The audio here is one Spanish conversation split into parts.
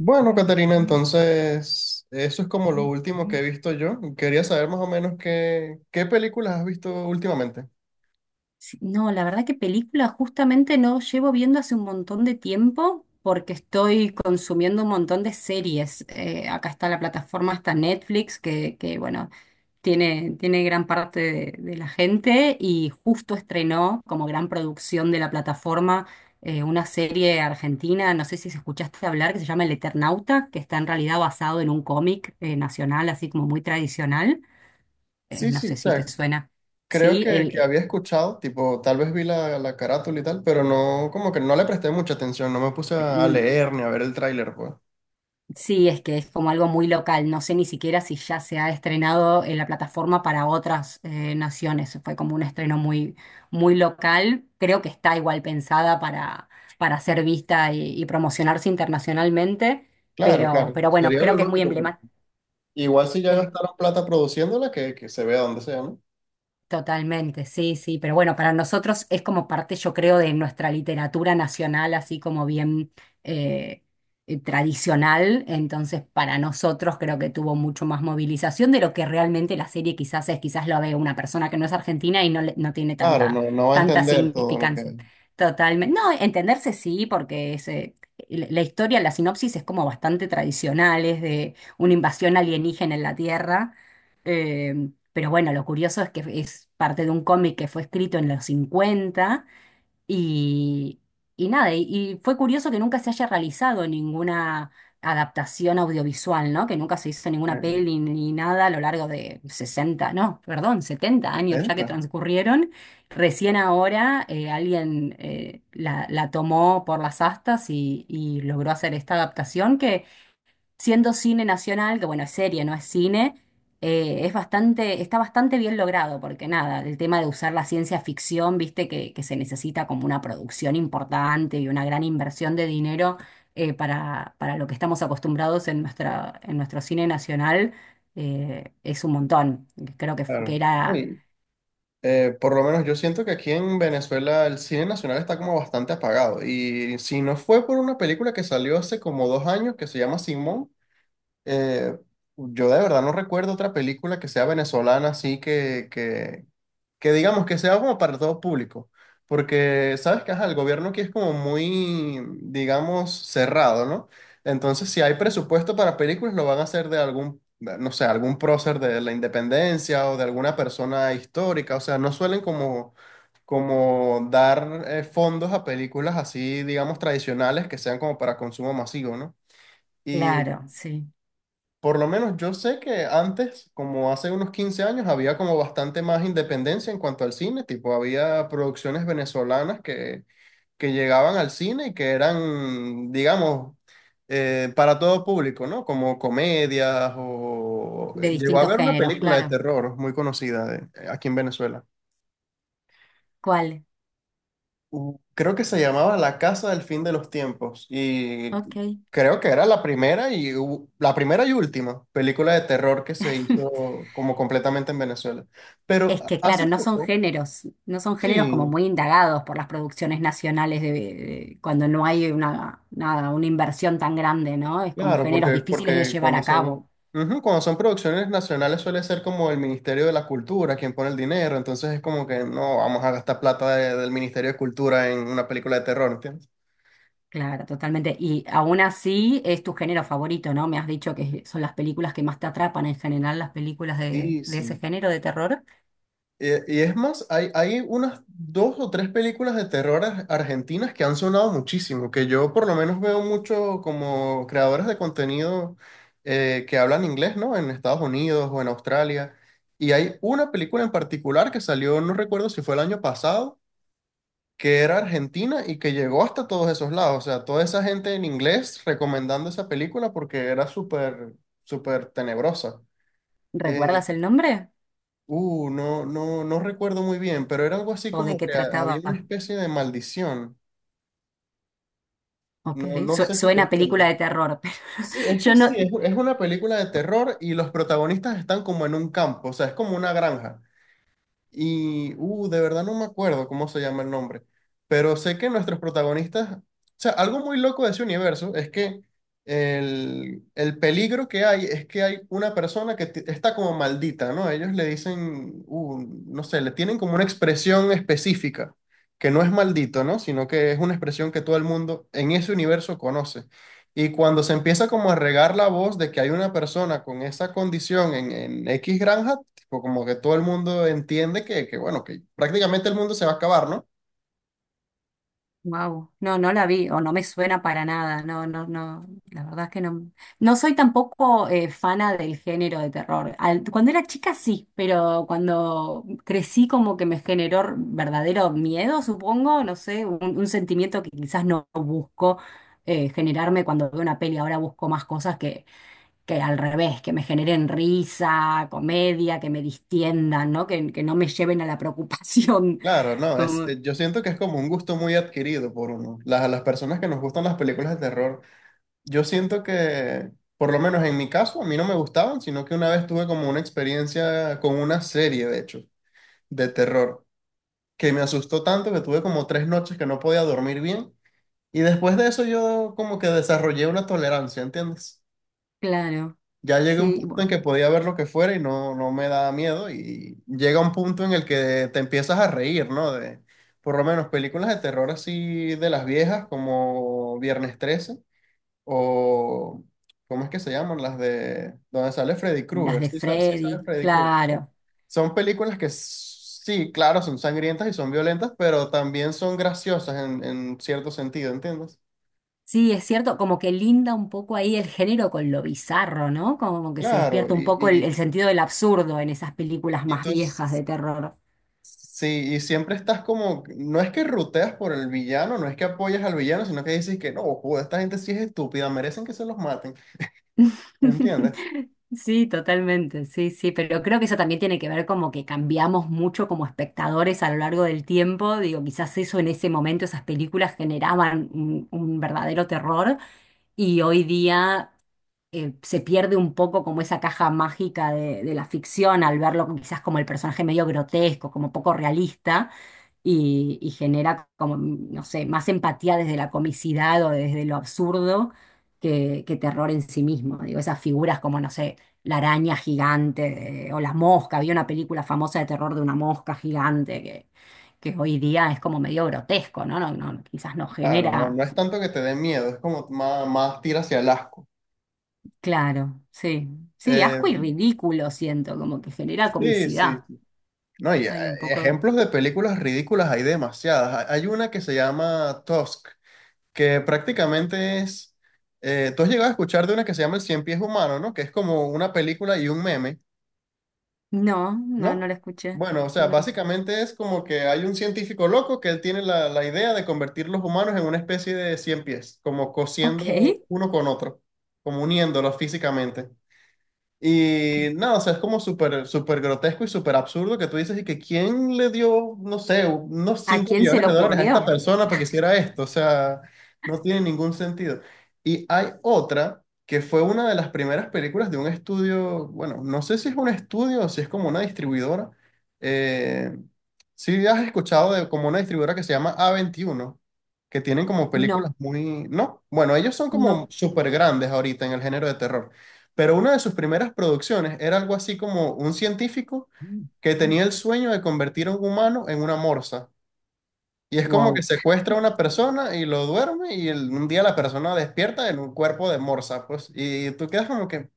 Bueno, Caterina, entonces eso es como lo último que he visto yo. Quería saber más o menos qué películas has visto últimamente. Sí, no, la verdad que película justamente no llevo viendo hace un montón de tiempo porque estoy consumiendo un montón de series. Acá está la plataforma, está Netflix, bueno, tiene gran parte de la gente y justo estrenó como gran producción de la plataforma, una serie argentina, no sé si se escuchaste hablar, que se llama El Eternauta, que está en realidad basado en un cómic, nacional, así como muy tradicional. Sí, No sí, sé o si te sea, suena. creo Sí, que había escuchado, tipo, tal vez vi la carátula y tal, pero no, como que no le presté mucha atención, no me puse a eh, leer ni a ver el tráiler, pues. sí, es que es como algo muy local. No sé ni siquiera si ya se ha estrenado en la plataforma para otras, naciones. Fue como un estreno muy, muy local. Creo que está igual pensada para, ser vista y promocionarse internacionalmente, Claro, pero, claro, pero bueno, sería creo lo que es muy lógico, porque emblemática. igual si ya gastaron plata produciéndola, que se vea donde sea, ¿no? Totalmente, sí, sí, pero bueno, para nosotros es como parte, yo creo, de nuestra literatura nacional, así como bien, eh, tradicional. Entonces para nosotros creo que tuvo mucho más movilización de lo que realmente la serie quizás es. Quizás lo ve una persona que no es argentina y no, no tiene Claro, tanta, no, no va a tanta entender todo lo que, significancia. Totalmente, no, entenderse sí, porque es, la historia, la sinopsis es como bastante tradicional, es de una invasión alienígena en la Tierra, eh, pero bueno, lo curioso es que es parte de un cómic que fue escrito en los 50. Y, y nada, y fue curioso que nunca se haya realizado ninguna adaptación audiovisual, ¿no? Que nunca se hizo ninguna que peli ni nada a lo largo de 60, no, perdón, 70 años ya que intenta, transcurrieron. Recién ahora, alguien, la tomó por las astas y logró hacer esta adaptación que, siendo cine nacional, que bueno, es serie, no es cine, es bastante, está bastante bien logrado, porque nada, el tema de usar la ciencia ficción, viste, que se necesita como una producción importante y una gran inversión de dinero, para, lo que estamos acostumbrados en nuestra, en nuestro cine nacional, es un montón. Creo que claro. era, Y- por lo menos yo siento que aquí en Venezuela el cine nacional está como bastante apagado. Y si no fue por una película que salió hace como 2 años que se llama Simón, eh, yo de verdad no recuerdo otra película que sea venezolana así que digamos que sea como para todo público, porque sabes que ajá, el gobierno aquí es como muy, digamos, cerrado, ¿no? Entonces, si hay presupuesto para películas, lo van a hacer de algún, no sé, algún prócer de la independencia o de alguna persona histórica, o sea, no suelen como, como dar fondos a películas así, digamos, tradicionales que sean como para consumo masivo, ¿no? Y claro, sí, por lo menos yo sé que antes, como hace unos 15 años, había como bastante más independencia en cuanto al cine, tipo había producciones venezolanas que llegaban al cine y que eran, digamos, para todo público, ¿no? Como comedias de Llegó a distintos haber una géneros, película de claro. terror muy conocida aquí en Venezuela. ¿Cuál? Creo que se llamaba La Casa del Fin de los Tiempos y Ok. creo que era la primera y última película de terror que se hizo como completamente en Venezuela. Pero Es que, hace claro, no son poco, géneros, no son géneros como sí, muy indagados por las producciones nacionales cuando no hay una, nada, una inversión tan grande, ¿no? Es como claro, géneros porque, difíciles de porque llevar cuando a son, cabo. ujú, cuando son producciones nacionales suele ser como el Ministerio de la Cultura quien pone el dinero, entonces es como que no vamos a gastar plata del Ministerio de Cultura en una película de terror, ¿entiendes? Claro, totalmente. Y aún así es tu género favorito, ¿no? Me has dicho que son las películas que más te atrapan en general, las películas de, Sí, de ese sí. género de terror. Y, es más, hay unas dos o tres películas de terror argentinas que han sonado muchísimo, que yo por lo menos veo mucho como creadores de contenido que hablan inglés, ¿no? En Estados Unidos o en Australia. Y hay una película en particular que salió, no recuerdo si fue el año pasado, que era argentina y que llegó hasta todos esos lados. O sea, toda esa gente en inglés recomendando esa película porque era súper, súper tenebrosa. Eh, ¿Recuerdas el nombre? No, no, no recuerdo muy bien, pero era algo así ¿O de como qué que había trataba? una especie de maldición. Ok, No, no sé si suena te a suena. película de terror. Sí, es que Yo no, sí, es una película de terror y los protagonistas están como en un campo, o sea, es como una granja. Y, de verdad no me acuerdo cómo se llama el nombre, pero sé que nuestros protagonistas, o sea, algo muy loco de ese universo es que el peligro que hay es que hay una persona que está como maldita, ¿no? Ellos le dicen, no sé, le tienen como una expresión específica, que no es maldito, ¿no? Sino que es una expresión que todo el mundo en ese universo conoce. Y cuando se empieza como a regar la voz de que hay una persona con esa condición en X granja, pues como que todo el mundo entiende que, bueno, que prácticamente el mundo se va a acabar, ¿no? wow, no, no la vi, o no me suena para nada, no, no, no, la verdad es que no, no soy tampoco, fana del género de terror. Cuando era chica sí, pero cuando crecí como que me generó, verdadero miedo, supongo, no sé, un, sentimiento que quizás no busco, generarme cuando veo una peli. Ahora busco más cosas que al revés, que me generen risa, comedia, que me distiendan, ¿no? Que no me lleven a la preocupación. Claro, no, Como, yo siento que es como un gusto muy adquirido por uno. Las personas que nos gustan las películas de terror, yo siento que, por lo menos en mi caso, a mí no me gustaban, sino que una vez tuve como una experiencia con una serie, de hecho, de terror, que me asustó tanto que tuve como 3 noches que no podía dormir bien. Y después de eso yo como que desarrollé una tolerancia, ¿entiendes? claro. Ya llegué a un Sí, punto en que podía ver lo que fuera y no, no me daba miedo y llega un punto en el que te empiezas a reír, ¿no? Por lo menos películas de terror así de las viejas como Viernes 13 o ¿cómo es que se llaman? Las de donde sale Freddy las Krueger, de sí, sí sabe Freddy, Freddy Krueger, ¿no? claro. Son películas que sí, claro, son sangrientas y son violentas, pero también son graciosas en cierto sentido, ¿entiendes? Sí, es cierto, como que linda un poco ahí el género con lo bizarro, ¿no? Como que se Claro, despierta un poco el sentido del absurdo en esas películas y más tú viejas de terror. sí, y siempre estás como, no es que ruteas por el villano, no es que apoyas al villano, sino que dices que no, joder, esta gente sí es estúpida, merecen que se los maten, ¿entiendes? Sí, totalmente, sí, sí, pero creo que eso también tiene que ver como que cambiamos mucho como espectadores a lo largo del tiempo. Digo, quizás eso en ese momento, esas películas generaban un, verdadero terror, y hoy día, se pierde un poco como esa caja mágica de la ficción al verlo quizás como el personaje medio grotesco, como poco realista, y genera como, no sé, más empatía desde la comicidad o desde lo absurdo que terror en sí mismo. Digo, esas figuras como, no sé, la araña gigante o la mosca. Había una película famosa de terror de una mosca gigante que, hoy día es como medio grotesco, ¿no? No, no, quizás no Claro, no, genera. no es tanto que te dé miedo, es como más tira hacia el asco. Claro, sí. Sí, Eh, asco y ridículo siento, como que genera sí, sí, comicidad. no, y Hay un poco de... ejemplos de películas ridículas hay demasiadas. Hay una que se llama Tusk, que prácticamente es, tú has llegado a escuchar de una que se llama El Cien Pies Humano, ¿no? Que es como una película y un meme. No, no, no ¿No? la escuché. Bueno, o sea, No. básicamente es como que hay un científico loco que él tiene la idea de convertir los humanos en una especie de cien pies, como Ok. cosiendo uno con otro, como uniéndolos físicamente. Y nada, o sea, es como súper súper grotesco y súper absurdo que tú dices y que quién le dio, no sé, unos ¿A 5 quién se millones le de dólares a ocurrió? esta persona para que hiciera esto. O sea, no tiene ningún sentido. Y hay otra que fue una de las primeras películas de un estudio, bueno, no sé si es un estudio o si es como una distribuidora. Eh, sí, has escuchado de como una distribuidora que se llama A21, que tienen como películas No, muy, ¿no? Bueno, ellos son como no. súper grandes ahorita en el género de terror. Pero una de sus primeras producciones era algo así como un científico que tenía el sueño de convertir a un humano en una morsa. Y es como que Wow. secuestra a una persona y lo duerme y un día la persona despierta en un cuerpo de morsa, pues. Y tú quedas como que,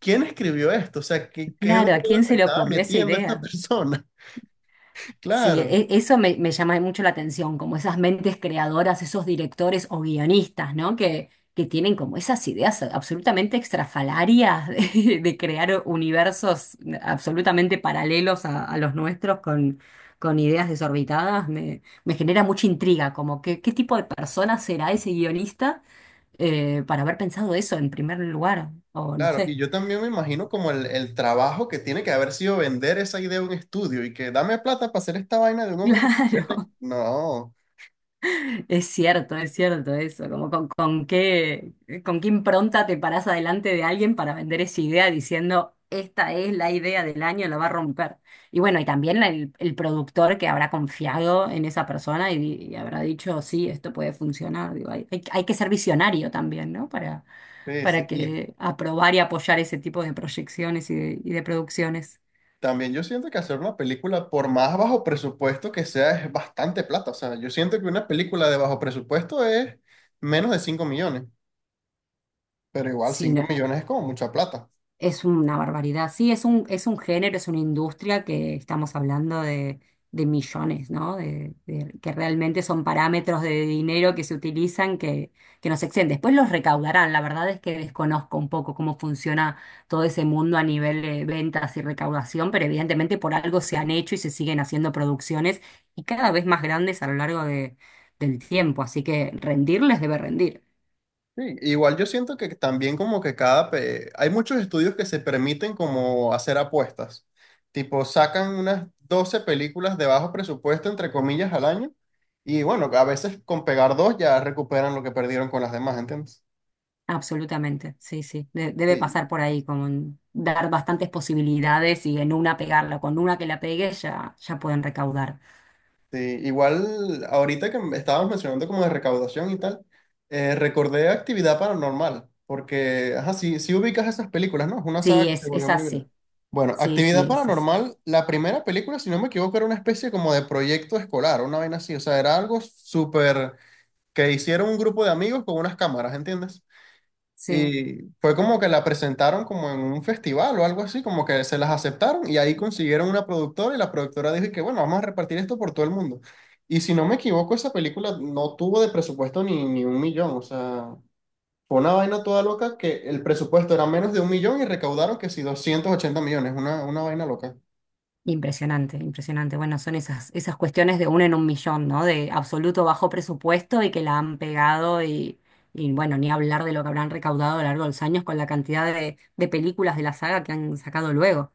¿quién escribió esto? O sea, ¿qué Claro, ¿a droga quién se se le estaba ocurrió esa metiendo esta idea? persona? Sí, Claro, eso me, llama mucho la atención, como esas mentes creadoras, esos directores o guionistas, ¿no? Que tienen como esas ideas absolutamente extrafalarias de, crear universos absolutamente paralelos a, los nuestros con, ideas desorbitadas. me genera mucha intriga, como que, qué tipo de persona será ese guionista, para haber pensado eso en primer lugar, o no claro. Y sé. yo también me imagino como el trabajo que tiene que haber sido vender esa idea a un estudio y que dame plata para hacer esta vaina de un hombre que se convierte. Claro. No. Es cierto eso, como con, qué, con qué impronta te parás adelante de alguien para vender esa idea diciendo, esta es la idea del año, la va a romper. Y bueno, y también el, productor que habrá confiado en esa persona y habrá dicho, sí, esto puede funcionar. Digo, hay que ser visionario también, ¿no? Para, Sí, sí. para Y que aprobar y apoyar ese tipo de proyecciones y de producciones. también yo siento que hacer una película, por más bajo presupuesto que sea, es bastante plata. O sea, yo siento que una película de bajo presupuesto es menos de 5 millones, pero igual 5 millones es como mucha plata. Es una barbaridad. Sí, es un, género, es una industria que estamos hablando de millones, ¿no? Que realmente son parámetros de dinero que se utilizan que nos exceden. Después los recaudarán. La verdad es que desconozco un poco cómo funciona todo ese mundo a nivel de ventas y recaudación, pero evidentemente por algo se han hecho y se siguen haciendo producciones y cada vez más grandes a lo largo del tiempo. Así que rendirles debe rendir. Sí, igual yo siento que también como que hay muchos estudios que se permiten como hacer apuestas. Tipo, sacan unas 12 películas de bajo presupuesto, entre comillas, al año. Y bueno, a veces con pegar dos ya recuperan lo que perdieron con las demás, ¿entiendes? Absolutamente, sí, sí. Debe pasar por ahí, con dar bastantes posibilidades y en una pegarla. Con una que la pegue ya, ya pueden recaudar. Sí, igual ahorita que estábamos mencionando como de recaudación y tal, recordé Actividad Paranormal, porque, ajá, sí, sí ubicas esas películas, ¿no? Es una saga Sí, que es, se volvió es muy viral. así. Bueno, Sí, sí, Actividad es así. Paranormal, la primera película, si no me equivoco, era una especie como de proyecto escolar, una vaina así, o sea, era algo súper que hicieron un grupo de amigos con unas cámaras, ¿entiendes? Sí. Y fue como que la presentaron como en un festival o algo así, como que se las aceptaron y ahí consiguieron una productora y la productora dijo y que bueno, vamos a repartir esto por todo el mundo. Y si no me equivoco, esa película no tuvo de presupuesto ni un millón, o sea, fue una vaina toda loca que el presupuesto era menos de un millón y recaudaron que si 280 millones, una vaina loca. Impresionante, impresionante. Bueno, son esas, cuestiones de uno en un millón, ¿no? De absoluto bajo presupuesto y que la han pegado y bueno, ni hablar de lo que habrán recaudado a lo largo de los años con la cantidad de, películas de la saga que han sacado luego.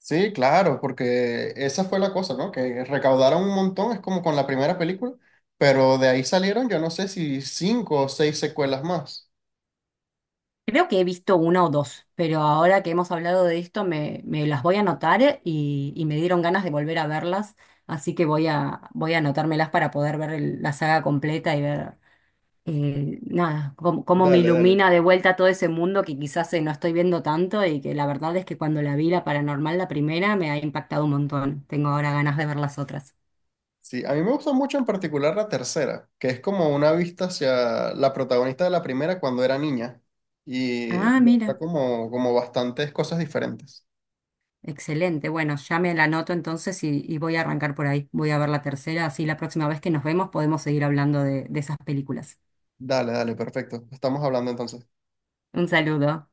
Sí, claro, porque esa fue la cosa, ¿no? Que recaudaron un montón, es como con la primera película, pero de ahí salieron yo no sé si 5 o 6 secuelas más. Creo que he visto una o dos, pero ahora que hemos hablado de esto me, las voy a anotar, y me dieron ganas de volver a verlas, así que voy a, anotármelas para poder ver la saga completa y ver, nada, cómo me Dale, dale. ilumina de vuelta todo ese mundo que quizás, no estoy viendo tanto y que la verdad es que cuando la vi la paranormal, la primera, me ha impactado un montón. Tengo ahora ganas de ver las otras. Sí, a mí me gusta mucho en particular la tercera, que es como una vista hacia la protagonista de la primera cuando era niña y Ah, muestra mira. como, como bastantes cosas diferentes. Excelente, bueno, ya me la anoto entonces y voy a arrancar por ahí. Voy a ver la tercera, así la próxima vez que nos vemos podemos seguir hablando de, esas películas. Dale, dale, perfecto. Estamos hablando entonces. Un saludo.